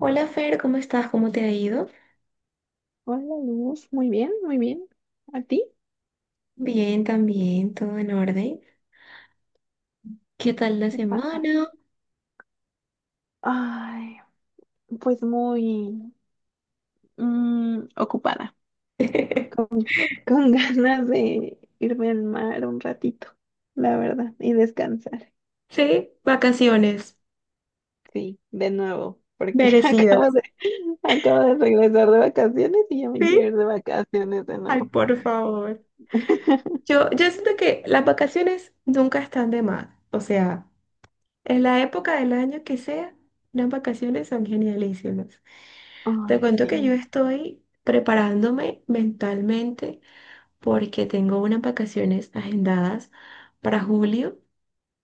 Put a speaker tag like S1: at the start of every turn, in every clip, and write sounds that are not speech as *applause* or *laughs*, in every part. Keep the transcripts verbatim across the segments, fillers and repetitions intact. S1: Hola Fer, ¿cómo estás? ¿Cómo te ha ido?
S2: Hola Luz, muy bien, muy bien. ¿A ti?
S1: Bien, también, todo en orden. ¿Qué tal la
S2: ¿Qué pasa?
S1: semana?
S2: Ay, pues muy mm, ocupada, con,
S1: *laughs*
S2: con *laughs* ganas de irme al mar un ratito, la verdad, y descansar.
S1: Sí, vacaciones
S2: Sí, de nuevo, porque *laughs* acabo
S1: merecidas.
S2: de, acabo de regresar de vacaciones y ya me
S1: Sí,
S2: quiero ir de vacaciones de
S1: ay,
S2: nuevo.
S1: por favor.
S2: *laughs*
S1: Yo, yo siento que las vacaciones nunca están de más. O sea, en la época del año que sea, las vacaciones son genialísimas. Te
S2: Ay,
S1: cuento que yo
S2: sí.
S1: estoy preparándome mentalmente porque tengo unas vacaciones agendadas para julio,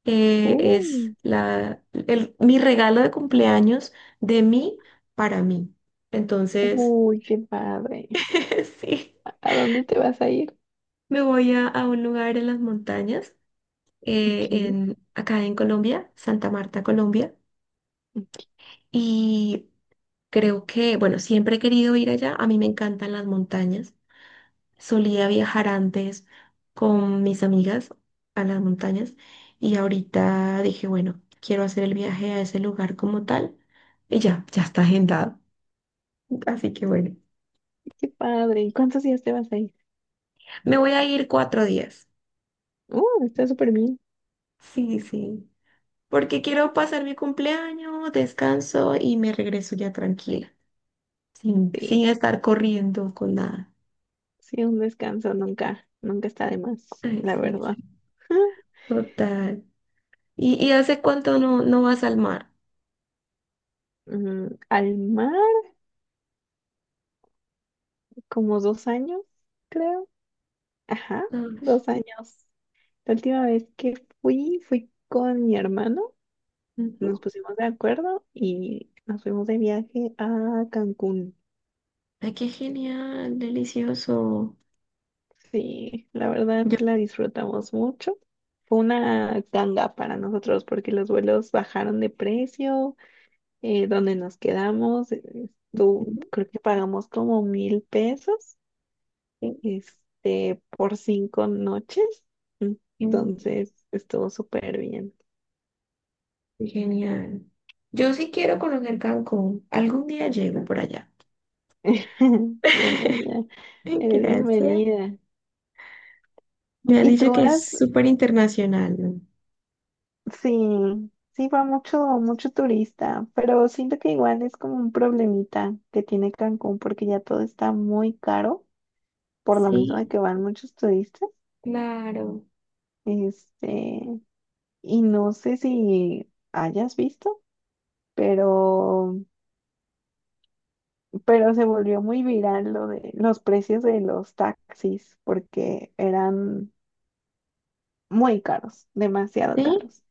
S1: eh, es
S2: Uy,
S1: la, el- mi regalo de cumpleaños de mí para mí. Entonces,
S2: uy, qué padre.
S1: *laughs* sí,
S2: ¿A dónde te vas a ir?
S1: me voy a, a un lugar en las montañas, eh,
S2: Aquí,
S1: en, acá en Colombia, Santa Marta, Colombia, y creo que, bueno, siempre he querido ir allá, a mí me encantan las montañas, solía viajar antes con mis amigas a las montañas y ahorita dije, bueno, quiero hacer el viaje a ese lugar como tal. Y ya, ya está agendado. Así que bueno,
S2: qué padre. ¿Y cuántos días te vas a ir?
S1: me voy a ir cuatro días.
S2: Uh, está súper bien.
S1: Sí, sí. Porque quiero pasar mi cumpleaños, descanso y me regreso ya tranquila, sin,
S2: Sí,
S1: sin estar corriendo con nada.
S2: sí, un descanso nunca, nunca está de más,
S1: Ay,
S2: la
S1: sí,
S2: verdad.
S1: sí,
S2: *laughs*
S1: total. ¿Y, y hace cuánto no, no vas al mar?
S2: Mm, al mar, como dos años, creo. Ajá,
S1: Ay,
S2: dos años. La última vez que fui, fui con mi hermano, nos
S1: ujú.
S2: pusimos de acuerdo y nos fuimos de viaje a Cancún.
S1: Ay, qué genial, delicioso.
S2: Sí, la verdad
S1: Yo,
S2: la disfrutamos mucho. Fue una ganga para nosotros porque los vuelos bajaron de precio, eh, donde nos quedamos, eh, tú creo que pagamos como mil pesos,
S1: sí,
S2: este, por cinco noches.
S1: sí,
S2: Entonces, estuvo súper bien.
S1: qué genial. Yo sí quiero conocer Cancún. Algún día llego por allá.
S2: *laughs* Bienvenida,
S1: *laughs*
S2: eres
S1: Gracias.
S2: bienvenida.
S1: Me han
S2: Y
S1: dicho
S2: tú
S1: que es
S2: has,
S1: súper internacional, ¿no?
S2: sí, sí va mucho, mucho turista, pero siento que igual es como un problemita que tiene Cancún porque ya todo está muy caro, por lo mismo de
S1: Sí,
S2: que van muchos turistas.
S1: claro.
S2: Este, y no sé si hayas visto, pero, pero se volvió muy viral lo de los precios de los taxis porque eran muy caros, demasiado
S1: ¿Sí?
S2: caros.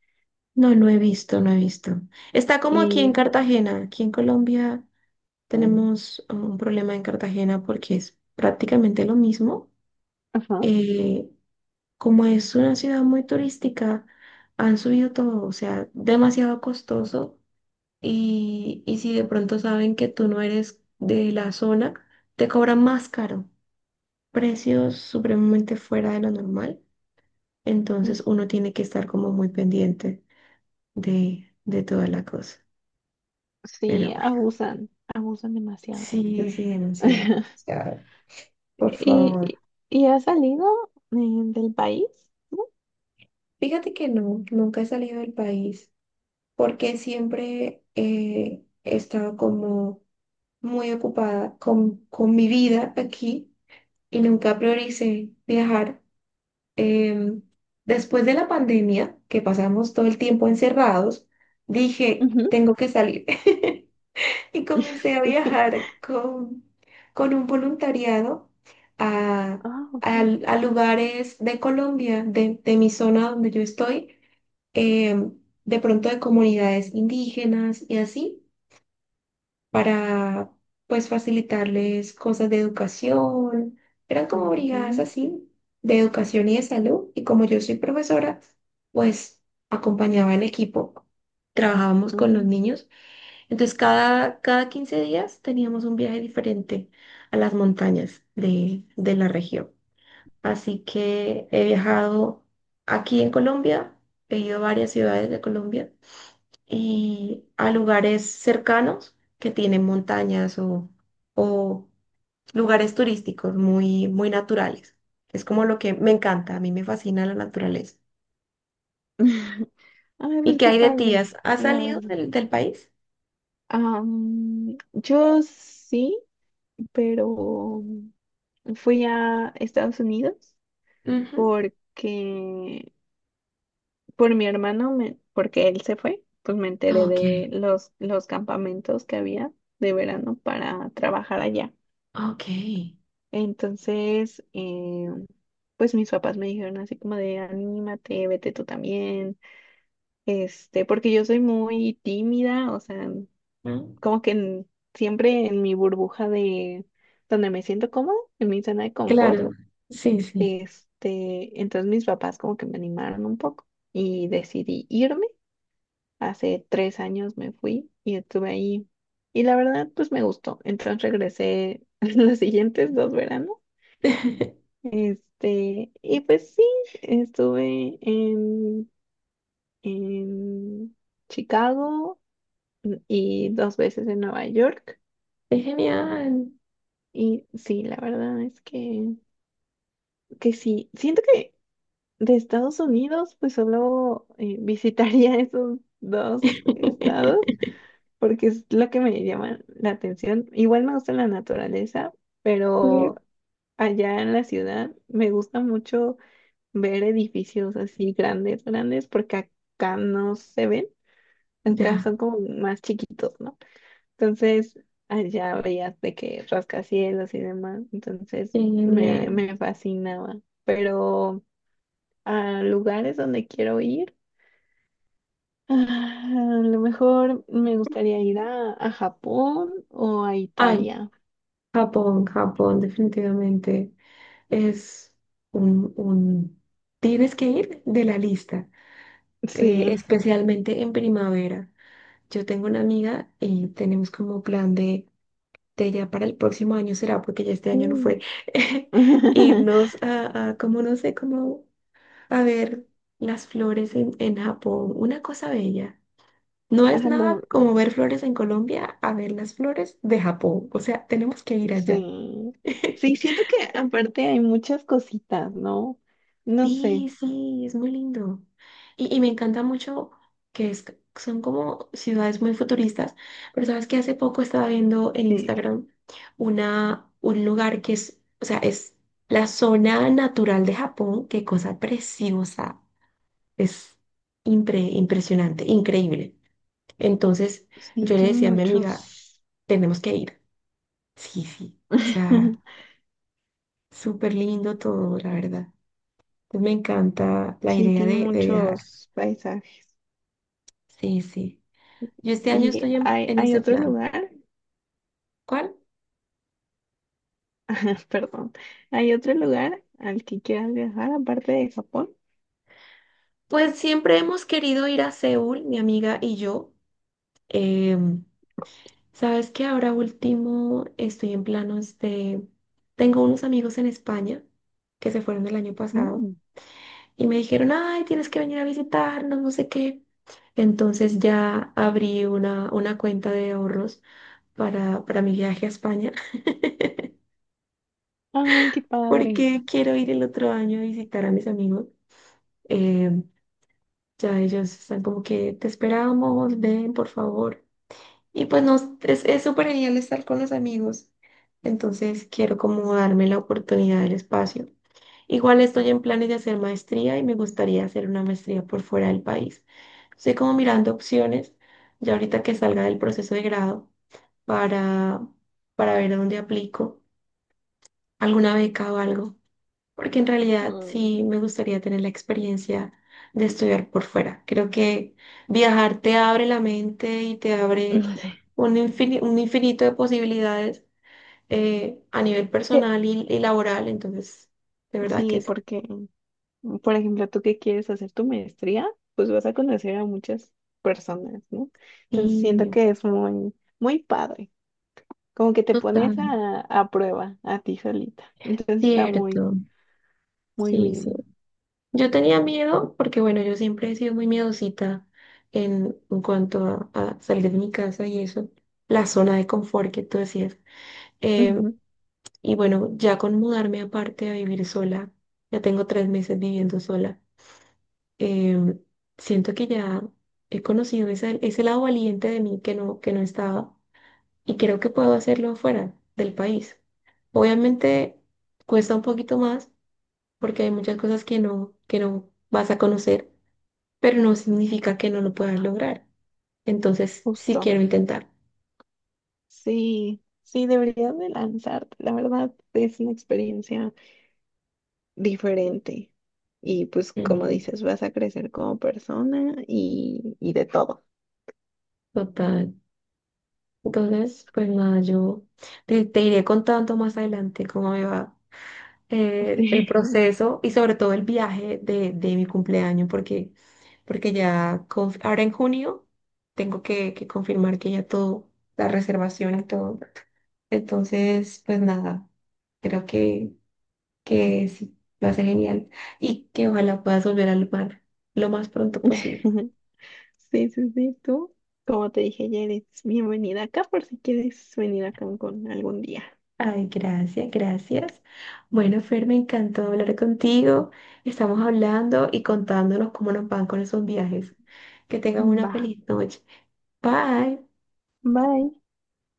S1: No, no he visto, no he visto. Está como aquí en
S2: Y,
S1: Cartagena. Aquí en Colombia tenemos ah, un problema en Cartagena porque es prácticamente lo mismo.
S2: ajá,
S1: Eh, como es una ciudad muy turística, han subido todo, o sea, demasiado costoso. Y, y si de pronto saben que tú no eres de la zona, te cobran más caro. Precios supremamente fuera de lo normal. Entonces uno tiene que estar como muy pendiente de, de toda la cosa. Pero
S2: sí,
S1: bueno,
S2: abusan, abusan demasiado.
S1: sí, sí, denunciado. O
S2: *laughs*
S1: sea, por
S2: ¿Y,
S1: favor.
S2: y y has salido eh, del país, ¿no?
S1: Fíjate que no, nunca he salido del país porque siempre eh, he estado como muy ocupada con, con mi vida aquí y nunca prioricé viajar. Em, después de la pandemia, que pasamos todo el tiempo encerrados, dije,
S2: Ujú.
S1: tengo que salir. *laughs* Y
S2: *laughs*
S1: comencé a
S2: Sí.
S1: viajar con, con un voluntariado a,
S2: Ah, ok.
S1: a- a lugares de Colombia, de, de mi zona donde yo estoy, em, de pronto de comunidades indígenas y así, para pues facilitarles cosas de educación. Eran como
S2: Ok.
S1: brigadas así, de educación y de salud. Y como yo soy profesora, pues acompañaba al equipo, trabajábamos con los
S2: Mm.
S1: niños. Entonces, cada, cada quince días teníamos un viaje diferente a las montañas de, de la región. Así que he viajado aquí en Colombia, he ido a varias ciudades de Colombia y a lugares cercanos que tienen montañas o, o lugares turísticos muy, muy naturales. Es como lo que me encanta, a mí me fascina la naturaleza.
S2: *laughs* Ay,
S1: ¿Y
S2: pues
S1: qué
S2: qué
S1: hay de
S2: padre,
S1: tías? ¿Has
S2: la
S1: salido
S2: verdad.
S1: del, del país?
S2: Am, yo sí, pero fui a Estados Unidos
S1: Ujú.
S2: porque por mi hermano, me- porque él se fue, pues me enteré
S1: Ok,
S2: de los, los campamentos que había de verano para trabajar allá.
S1: ok.
S2: Entonces, eh, pues mis papás me dijeron así como de anímate, vete tú también, este, porque yo soy muy tímida, o sea,
S1: Mm.
S2: como que en- siempre en mi burbuja de donde me siento cómoda, en mi zona de confort,
S1: Claro, sí, sí.
S2: este, entonces mis papás como que me animaron un poco y decidí irme. Hace tres años me fui y estuve ahí y la verdad pues me gustó. Entonces regresé *laughs* los siguientes dos veranos,
S1: *laughs*
S2: este, y pues sí, estuve en, en Chicago y dos veces en Nueva York.
S1: Es genial.
S2: Y sí, la verdad es que que sí, siento que de Estados Unidos, pues solo eh, visitaría *laughs* esos dos estados,
S1: *laughs*
S2: porque es lo que me llama la atención. Igual me gusta la naturaleza, pero
S1: Sí.
S2: allá en la ciudad me gusta mucho ver edificios así grandes, grandes, porque acá no se ven, acá
S1: Ya,
S2: son como más chiquitos, ¿no? Entonces, allá veías de que rascacielos y demás,
S1: qué
S2: entonces me,
S1: genial.
S2: me fascinaba, pero a lugares donde quiero ir. Ah, a lo mejor me gustaría ir a, a Japón o a
S1: Ay,
S2: Italia.
S1: Japón, Japón, definitivamente es un, un... Tienes que ir de la lista, eh,
S2: Sí.
S1: especialmente en primavera. Yo tengo una amiga y tenemos como plan de, de ya para el próximo año será, porque ya este año no
S2: Mm.
S1: fue, *laughs*
S2: *laughs*
S1: irnos a, a como no sé, como a ver las flores en, en Japón, una cosa bella. No
S2: A
S1: es nada
S2: lo-
S1: como ver flores en Colombia a ver las flores de Japón. O sea, tenemos que ir allá.
S2: sí. Sí,
S1: *laughs*
S2: siento que aparte hay muchas cositas, ¿no? No sé.
S1: Sí, sí, es muy lindo. Y, y me encanta mucho que es- son como ciudades muy futuristas, pero sabes que hace poco estaba viendo en
S2: Sí,
S1: Instagram una, un lugar que es, o sea, es la zona natural de Japón, qué cosa preciosa, es impre- impresionante, increíble. Entonces
S2: sí,
S1: yo le
S2: tiene
S1: decía a mi amiga,
S2: muchos.
S1: tenemos que ir. Sí, sí. O sea,
S2: *laughs*
S1: súper lindo todo, la verdad. Pues me encanta la
S2: Sí,
S1: idea
S2: tiene
S1: de, de viajar.
S2: muchos paisajes.
S1: Sí, sí. Yo este año
S2: Y
S1: estoy en,
S2: hay,
S1: en
S2: hay
S1: ese
S2: otro
S1: plan.
S2: lugar,
S1: ¿Cuál?
S2: *laughs* perdón, hay otro lugar al que quieras viajar aparte de Japón.
S1: Pues siempre hemos querido ir a Seúl, mi amiga y yo. Em, sabes que ahora último estoy en planos de... Tengo unos amigos en España que se fueron el año pasado. Y me dijeron, ay, tienes que venir a visitarnos, no sé qué. Entonces ya abrí una, una cuenta de ahorros para, para mi viaje a España, *laughs*
S2: Ay, qué padre.
S1: porque quiero ir el otro año a visitar a mis amigos. Eh, ya ellos están como que te esperamos, ven, por favor. Y pues no, es, es súper genial estar con los amigos. Entonces quiero como darme la oportunidad del espacio. Igual estoy en planes de hacer maestría y me gustaría hacer una maestría por fuera del país. Estoy como mirando opciones, ya ahorita que salga del proceso de grado, para, para ver a dónde aplico alguna beca o algo, porque en realidad sí
S2: Mm.
S1: me gustaría tener la experiencia de estudiar por fuera. Creo que viajar te abre la mente y te
S2: *laughs*
S1: abre
S2: No sé.
S1: un infini- un infinito de posibilidades, eh, a nivel
S2: ¿Qué?
S1: personal y, y laboral, entonces de verdad que
S2: Sí, porque, por ejemplo, tú que quieres hacer tu maestría, pues vas a conocer a muchas personas, ¿no? Entonces siento
S1: sí.
S2: que es muy, muy padre. Como que te
S1: Total,
S2: pones a, a prueba a ti solita. Entonces está muy,
S1: cierto.
S2: muy
S1: Sí, sí.
S2: bien.
S1: Yo tenía miedo porque, bueno, yo siempre he sido muy miedosita en, en cuanto a, a salir de mi casa y eso, la zona de confort que tú decías. Eh,
S2: Ujú.
S1: y bueno, ya con mudarme aparte a vivir sola, ya tengo tres meses viviendo sola, eh, siento que ya he conocido ese, ese lado valiente de mí que no, que no estaba y creo que puedo hacerlo fuera del país. Obviamente cuesta un poquito más porque hay muchas cosas que no, que no vas a conocer, pero no significa que no lo puedas lograr. Entonces, sí
S2: Justo.
S1: quiero intentar.
S2: Sí, sí, deberías de lanzarte. La verdad es una experiencia diferente. Y pues como
S1: Ujú,
S2: dices, vas a crecer como persona y, y de todo. *laughs*
S1: total. Entonces, pues nada, yo te, te iré contando más adelante cómo me va, eh, el
S2: Sí,
S1: proceso y sobre todo el viaje de, de mi cumpleaños, porque, porque ya conf- ahora en junio tengo que, que confirmar que ya todo, la reservación y todo. Entonces, pues nada, creo que que sí, va a ser genial y que ojalá puedas volver al mar lo más pronto
S2: *laughs*
S1: posible.
S2: sí, sí, sí, tú. Como te dije ya eres bienvenida acá por si quieres venir a Cancún algún día.
S1: Ay, gracias, gracias. Bueno, Fer, me encantó hablar contigo. Estamos hablando y contándonos cómo nos van con esos viajes. Que tengas una
S2: Va,
S1: feliz noche. Bye.
S2: bye.